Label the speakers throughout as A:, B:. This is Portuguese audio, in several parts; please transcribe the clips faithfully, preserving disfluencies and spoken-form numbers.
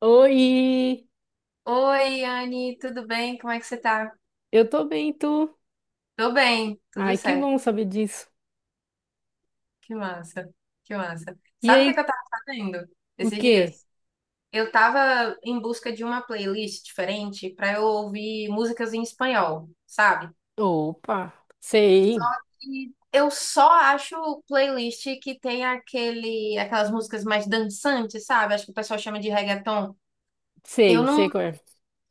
A: Oi,
B: Oi, Anne, tudo bem? Como é que você tá?
A: eu tô bem, e tu?
B: Tô bem, tudo
A: Ai, que
B: certo.
A: bom saber disso.
B: Que massa, que massa.
A: E
B: Sabe o que é que
A: aí,
B: eu tava fazendo
A: o
B: esses
A: quê?
B: dias? Eu tava em busca de uma playlist diferente pra eu ouvir músicas em espanhol, sabe?
A: Opa, sei,
B: E eu só acho playlist que tem aquele, aquelas músicas mais dançantes, sabe? Acho que o pessoal chama de reggaeton. Eu
A: sei,
B: não
A: sei qual é.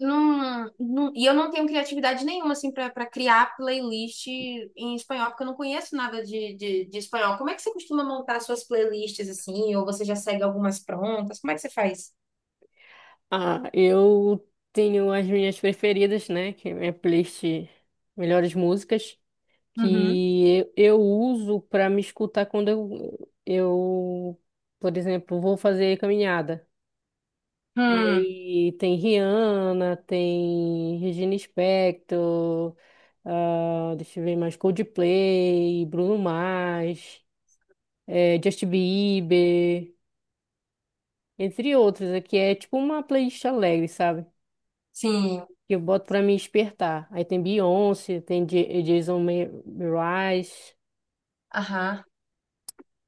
B: Não, não- e eu não tenho criatividade nenhuma, assim, pra pra criar playlist em espanhol, porque eu não conheço nada de, de, de espanhol. Como é que você costuma montar suas playlists, assim? Ou você já segue algumas prontas? Como é que você faz?
A: Ah, eu tenho as minhas preferidas, né? Que é minha playlist Melhores Músicas,
B: Uhum.
A: que eu, eu uso pra me escutar quando eu, eu, por exemplo, vou fazer caminhada.
B: Hum,
A: Aí tem Rihanna, tem Regina Spektor, ah, deixa eu ver mais, Coldplay, Bruno Mars, eh, Justin Bieber, entre outros. Aqui é tipo uma playlist alegre, sabe?
B: sim,
A: Que eu boto pra me despertar. Aí tem Beyoncé, tem J- Jason Me- Mraz.
B: aham.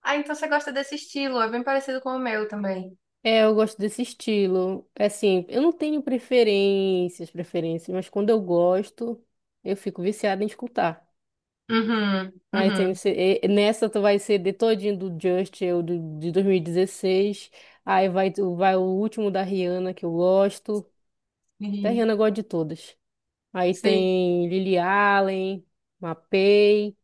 B: Ah, então você gosta desse estilo, é bem parecido com o meu também.
A: É, eu gosto desse estilo. É assim, eu não tenho preferências, preferências, mas quando eu gosto, eu fico viciada em escutar.
B: Uhum.
A: Aí tem
B: Uhum.
A: esse- e- nessa tu vai ser de todinho do Just, eu do, de dois mil e dezesseis. Aí vai, tu- vai o último da Rihanna, que eu gosto. Da
B: Sim.
A: Rihanna eu gosto de todas. Aí
B: Sei.
A: tem Lily Allen, Mapei.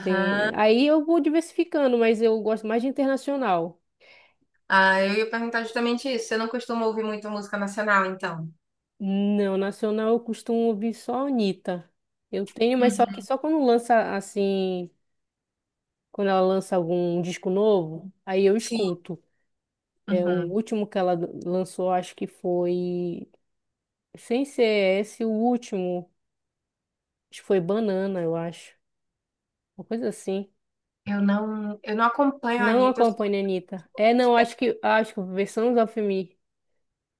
A: Tem... Aí eu vou diversificando, mas eu gosto mais de internacional.
B: Ah, eu ia perguntar justamente isso. Você não costuma ouvir muito música nacional, então?
A: Não, nacional eu costumo ouvir só a Anitta. Eu tenho, mas só que
B: Uhum.
A: só quando lança assim, quando ela lança algum disco novo, aí eu
B: Sim.
A: escuto. É, o
B: Uhum.
A: último que ela lançou, acho que foi. Sem ser esse, o último. Acho que foi Banana, eu acho. Uma coisa assim.
B: Eu não, eu não acompanho a
A: Não
B: Anitta. Eu sou
A: acompanha a Anitta. É, não,
B: muito
A: acho que acho que versão of Me.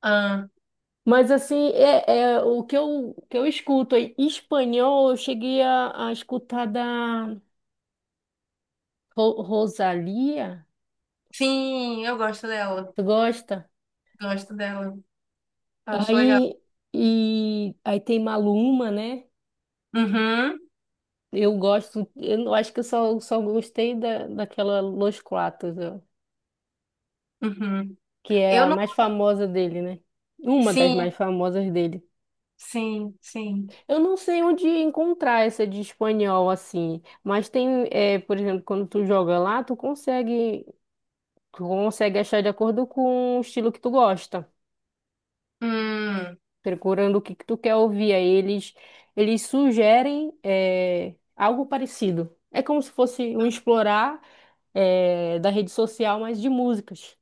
B: fã.
A: Mas assim, é, é o que eu, que eu escuto em espanhol, eu cheguei a, a escutar da Ro- Rosalía.
B: Sim, eu gosto dela.
A: Tu gosta?
B: Gosto dela. Acho legal.
A: Aí, e, aí tem Maluma, né?
B: Uhum,
A: Eu gosto, eu acho que eu só, só gostei da, daquela Los Quatro, ó,
B: uhum.
A: que é
B: Eu
A: a
B: não.
A: mais famosa dele, né? Uma das mais
B: Sim,
A: famosas dele.
B: sim, sim.
A: Eu não sei onde encontrar essa de espanhol assim, mas tem, é, por exemplo, quando tu joga lá, tu consegue, tu consegue achar de acordo com o estilo que tu gosta,
B: Hum,
A: procurando o que, que tu quer ouvir. Aí eles, eles sugerem, é, algo parecido. É como se fosse um explorar, é, da rede social, mas de músicas.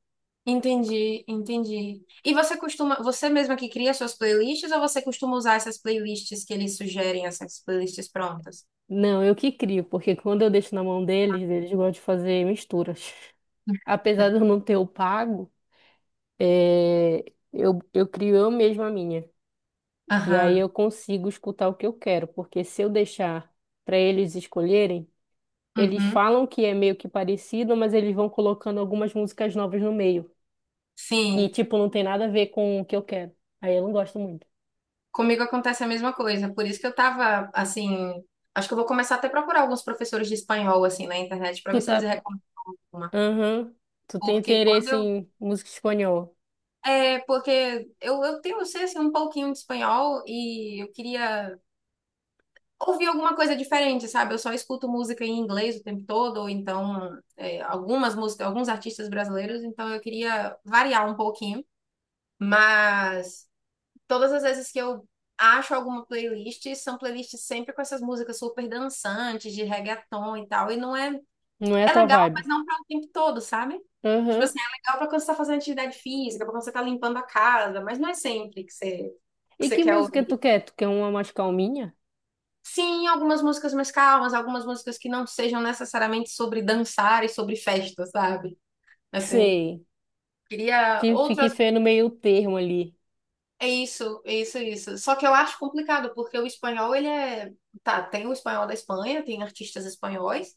B: entendi, entendi. E você costuma, você mesma que cria suas playlists ou você costuma usar essas playlists que eles sugerem, essas playlists prontas?
A: Não, eu que crio, porque quando eu deixo na mão deles, eles gostam de fazer misturas. Apesar de eu não ter o pago, é, eu, eu crio eu mesma a minha. E aí
B: Aham,
A: eu consigo escutar o que eu quero, porque se eu deixar para eles escolherem, eles
B: uhum.
A: falam que é meio que parecido, mas eles vão colocando algumas músicas novas no meio. E,
B: Sim.
A: tipo, não tem nada a ver com o que eu quero. Aí eu não gosto muito.
B: Comigo acontece a mesma coisa, por isso que eu tava assim, acho que eu vou começar até a procurar alguns professores de espanhol assim na internet para
A: Tu
B: ver se eles
A: tá.
B: recomendam uma,
A: Aham. Tu tem
B: porque quando
A: interesse
B: eu
A: em música espanhola.
B: é, porque eu, eu tenho, eu sei assim, um pouquinho de espanhol e eu queria ouvir alguma coisa diferente, sabe? Eu só escuto música em inglês o tempo todo, ou então é, algumas músicas, alguns artistas brasileiros, então eu queria variar um pouquinho. Mas todas as vezes que eu acho alguma playlist, são playlists sempre com essas músicas super dançantes, de reggaeton e tal. E não é.
A: Não é a
B: É
A: tua
B: legal, mas
A: vibe.
B: não para o tempo todo, sabe? Tipo
A: Aham.
B: assim, é legal para quando você tá fazendo atividade física, para quando você tá limpando a casa, mas não é sempre que você, que
A: E
B: você
A: que
B: quer
A: música tu
B: ouvir.
A: quer? Tu quer uma mais calminha?
B: Sim, algumas músicas mais calmas, algumas músicas que não sejam necessariamente sobre dançar e sobre festa, sabe? Assim,
A: Sei.
B: queria
A: Te- Fiquei
B: outras.
A: feio no meio termo ali.
B: É isso, é isso, é isso. Só que eu acho complicado, porque o espanhol, ele é... Tá, tem o espanhol da Espanha, tem artistas espanhóis,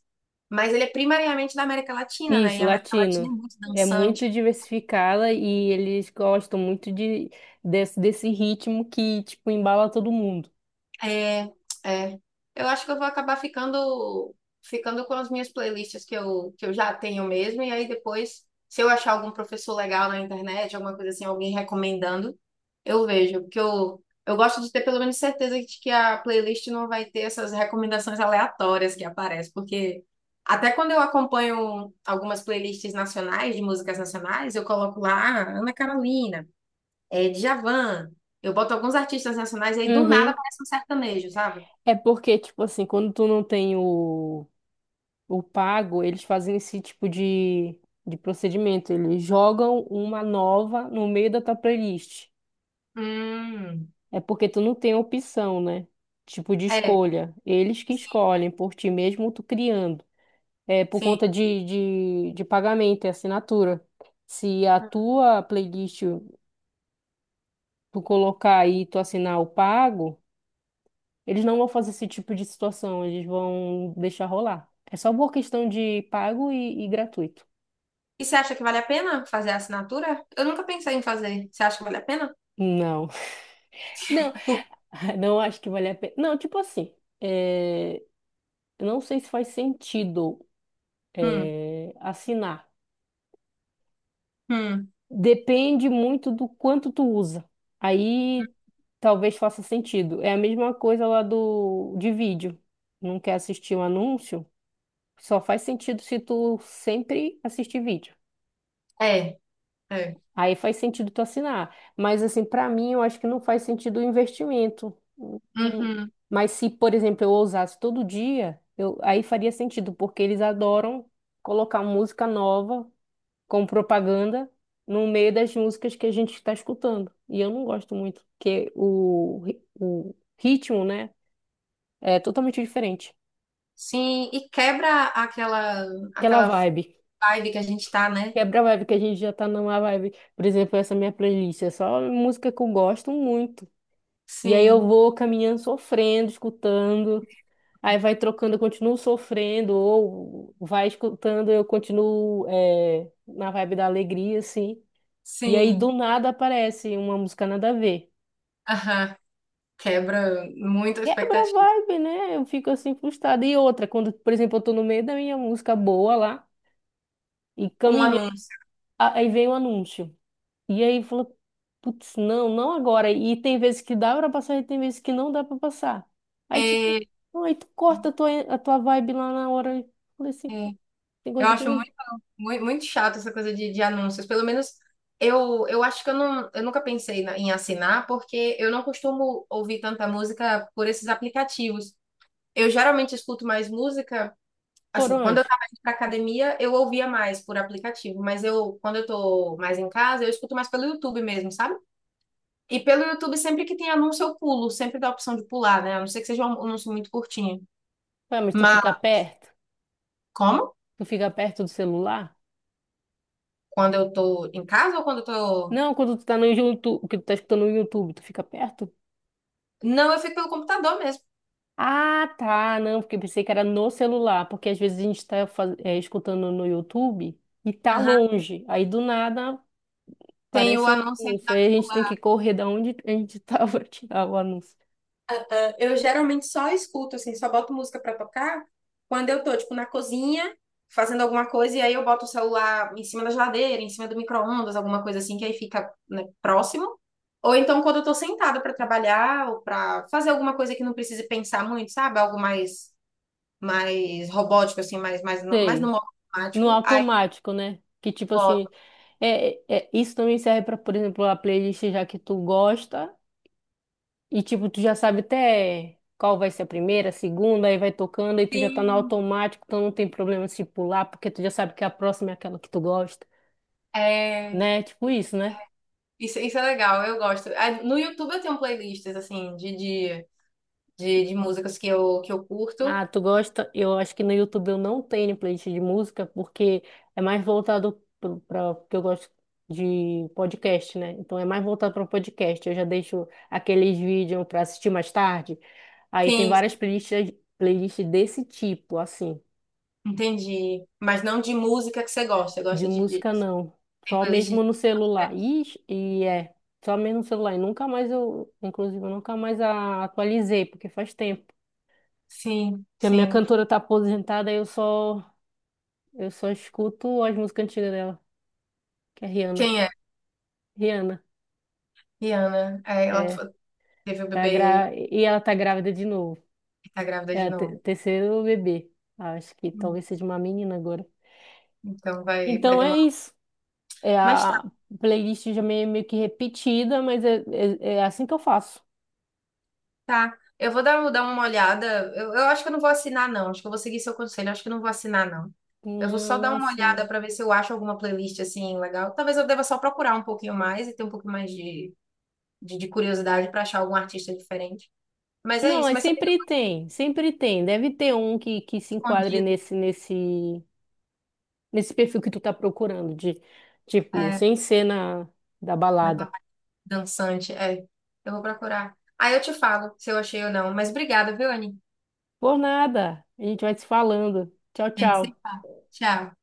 B: mas ele é primariamente da América Latina, né? E
A: Isso,
B: a América Latina
A: latino.
B: é muito
A: É muito
B: dançante.
A: diversificada e eles gostam muito de, desse, desse ritmo que, tipo, embala todo mundo.
B: É, é. Eu acho que eu vou acabar ficando ficando com as minhas playlists que eu, que eu já tenho mesmo, e aí depois, se eu achar algum professor legal na internet, alguma coisa assim, alguém recomendando, eu vejo, porque eu, eu gosto de ter pelo menos certeza de que a playlist não vai ter essas recomendações aleatórias que aparecem, porque até quando eu acompanho algumas playlists nacionais, de músicas nacionais, eu coloco lá "Ah, Ana Carolina, é, Djavan". Eu boto alguns artistas nacionais e aí do nada
A: Uhum.
B: aparece um sertanejo, sabe?
A: É porque, tipo assim, quando tu não tem o, o pago, eles fazem esse tipo de, de procedimento. Eles jogam uma nova no meio da tua playlist.
B: Hum,
A: É porque tu não tem opção, né? Tipo de
B: É,
A: escolha. Eles que escolhem por ti mesmo, tu criando. É por
B: sim.
A: conta de, de, de pagamento e assinatura. Se a tua playlist tu colocar aí e tu assinar o pago, eles não vão fazer esse tipo de situação, eles vão deixar rolar. É só por questão de pago e, e gratuito.
B: E você acha que vale a pena fazer a assinatura? Eu nunca pensei em fazer. Você acha que vale a pena?
A: Não, não,
B: Por-
A: não acho que vale a pena. Não, tipo assim, é, eu não sei se faz sentido
B: hum,
A: é, assinar.
B: hum,
A: Depende muito do quanto tu usa. Aí talvez faça sentido. É a mesma coisa lá do de vídeo. Não quer assistir um anúncio? Só faz sentido se tu sempre assistir vídeo.
B: é, é.
A: Aí faz sentido tu assinar. Mas assim, pra mim, eu acho que não faz sentido o investimento. Hum. Hum.
B: Uhum,
A: Mas se, por exemplo, eu usasse todo dia, eu, aí faria sentido, porque eles adoram colocar música nova com propaganda no meio das músicas que a gente está escutando. E eu não gosto muito, porque o, ri- o ritmo, né, é totalmente diferente.
B: sim, e quebra aquela
A: Aquela
B: aquela
A: vibe.
B: vibe que a gente tá, né?
A: Quebra a vibe que a gente já tá numa vibe. Por exemplo, essa minha playlist é só música que eu gosto muito. E aí eu
B: Sim,
A: vou caminhando sofrendo, escutando. Aí vai trocando, eu continuo sofrendo, ou vai escutando, eu continuo é, na vibe da alegria, assim. E aí do
B: sim.
A: nada aparece uma música nada a ver.
B: Aham. Quebra muito a
A: Quebra a
B: expectativa.
A: vibe, né? Eu fico assim frustrada. E outra, quando, por exemplo, eu tô no meio da minha música boa lá e
B: Um
A: caminhando,
B: anúncio.
A: a- aí vem o anúncio. E aí falou, putz, não, não agora. E tem vezes que dá pra passar e tem vezes que não dá pra passar. Aí tipo,
B: É,
A: aí tu corta a tua, a tua vibe lá na hora. Eu falei assim,
B: é.
A: tem
B: Eu
A: coisa que
B: acho
A: não
B: muito. Muito, muito chato essa coisa de, de anúncios. Pelo menos eu, eu acho que eu, não, eu nunca pensei na- em assinar, porque eu não costumo ouvir tanta música por esses aplicativos. Eu geralmente escuto mais música.
A: por
B: Assim, quando eu
A: onde?
B: estava indo pra academia, eu ouvia mais por aplicativo, mas eu, quando eu tô mais em casa, eu escuto mais pelo YouTube mesmo, sabe? E pelo YouTube, sempre que tem anúncio, eu pulo, sempre dá a opção de pular, né? A não ser que seja um anúncio muito curtinho.
A: Ué, mas tu
B: Mas
A: fica perto?
B: como?
A: Tu fica perto do celular?
B: Quando eu tô em casa ou quando eu tô.
A: Não, quando tu tá no YouTube, que tu tá escutando no YouTube, tu fica perto?
B: Não, eu fico pelo computador mesmo.
A: Ah, tá. Não, porque eu pensei que era no celular, porque às vezes a gente está escutando no YouTube e tá longe. Aí do nada
B: Tem o
A: aparece um
B: anúncio sempre
A: anúncio.
B: da
A: Aí a gente tem
B: popular.
A: que correr da onde a gente estava pra tirar o anúncio.
B: Eu geralmente só escuto, assim, só boto música pra tocar quando eu tô, tipo, na cozinha, fazendo alguma coisa, e aí eu boto o celular em cima da geladeira, em cima do micro-ondas, alguma coisa assim, que aí fica, né, próximo. Ou então quando eu tô sentada pra trabalhar ou pra fazer alguma coisa que não precise pensar muito, sabe? Algo mais, mais robótico, assim, mais, mais, no- mais no
A: Sei.
B: modo
A: No
B: automático. Aí eu
A: automático, né? Que tipo
B: boto.
A: assim, é, é- isso também serve para, por exemplo, a playlist já que tu gosta e tipo tu já sabe até qual vai ser a primeira, a segunda, aí vai tocando aí tu já tá no
B: Sim,
A: automático, então não tem problema se pular, porque tu já sabe que a próxima é aquela que tu gosta.
B: é...
A: Né? Tipo isso, né?
B: Isso, isso é legal, eu gosto. Ah, no YouTube eu tenho playlists, assim, de, de de, de músicas que eu, que eu curto.
A: Ah, tu gosta? Eu acho que no YouTube eu não tenho playlist de música porque é mais voltado para porque eu gosto de podcast, né? Então é mais voltado para podcast. Eu já deixo aqueles vídeos para assistir mais tarde. Aí tem
B: Sim,
A: várias playlists, playlists desse tipo, assim,
B: entendi. Mas não de música que você gosta,
A: de
B: gosta de, de
A: música não.
B: tem
A: Só
B: playlist
A: mesmo
B: de...
A: no celular. Ixi, e é, só mesmo no celular. E nunca mais eu, inclusive, eu nunca mais a- atualizei, porque faz tempo.
B: Sim,
A: Que a minha
B: sim.
A: cantora tá aposentada, eu só Eu só escuto as músicas antigas dela, que é Rihanna.
B: Quem é?
A: Rihanna,
B: Rihanna. É, ela
A: é,
B: t- teve o
A: tá
B: bebê
A: gra... e ela tá grávida de novo.
B: e tá grávida de
A: É o te-
B: novo.
A: terceiro bebê. Acho que
B: Hum,
A: talvez seja uma menina agora.
B: Então vai, vai
A: Então é
B: demorar.
A: isso. É
B: Mas tá,
A: a playlist já meio, meio que repetida, mas é, é, é assim que eu faço.
B: tá. Eu vou dar, dar uma olhada. Eu, eu acho que eu não vou assinar, não. Acho que eu vou seguir seu conselho. Eu acho que eu não vou assinar, não. Eu vou
A: Não,
B: só
A: não
B: dar
A: é
B: uma
A: assim.
B: olhada pra ver se eu acho alguma playlist assim legal. Talvez eu deva só procurar um pouquinho mais e ter um pouco mais de de, de curiosidade para achar algum artista diferente. Mas é
A: Não,
B: isso,
A: mas
B: mas você me deu
A: sempre tem, sempre tem. Deve ter um que, que se enquadre
B: escondido.
A: nesse, nesse, nesse perfil que tu tá procurando, de tipo,
B: É,
A: sem cena da balada.
B: naquela parte dançante. É, eu vou procurar. Aí eu te falo se eu achei ou não. Mas obrigada, viu, Anny?
A: Por nada. A gente vai se falando. Tchau,
B: A gente
A: tchau.
B: se fala. Tchau.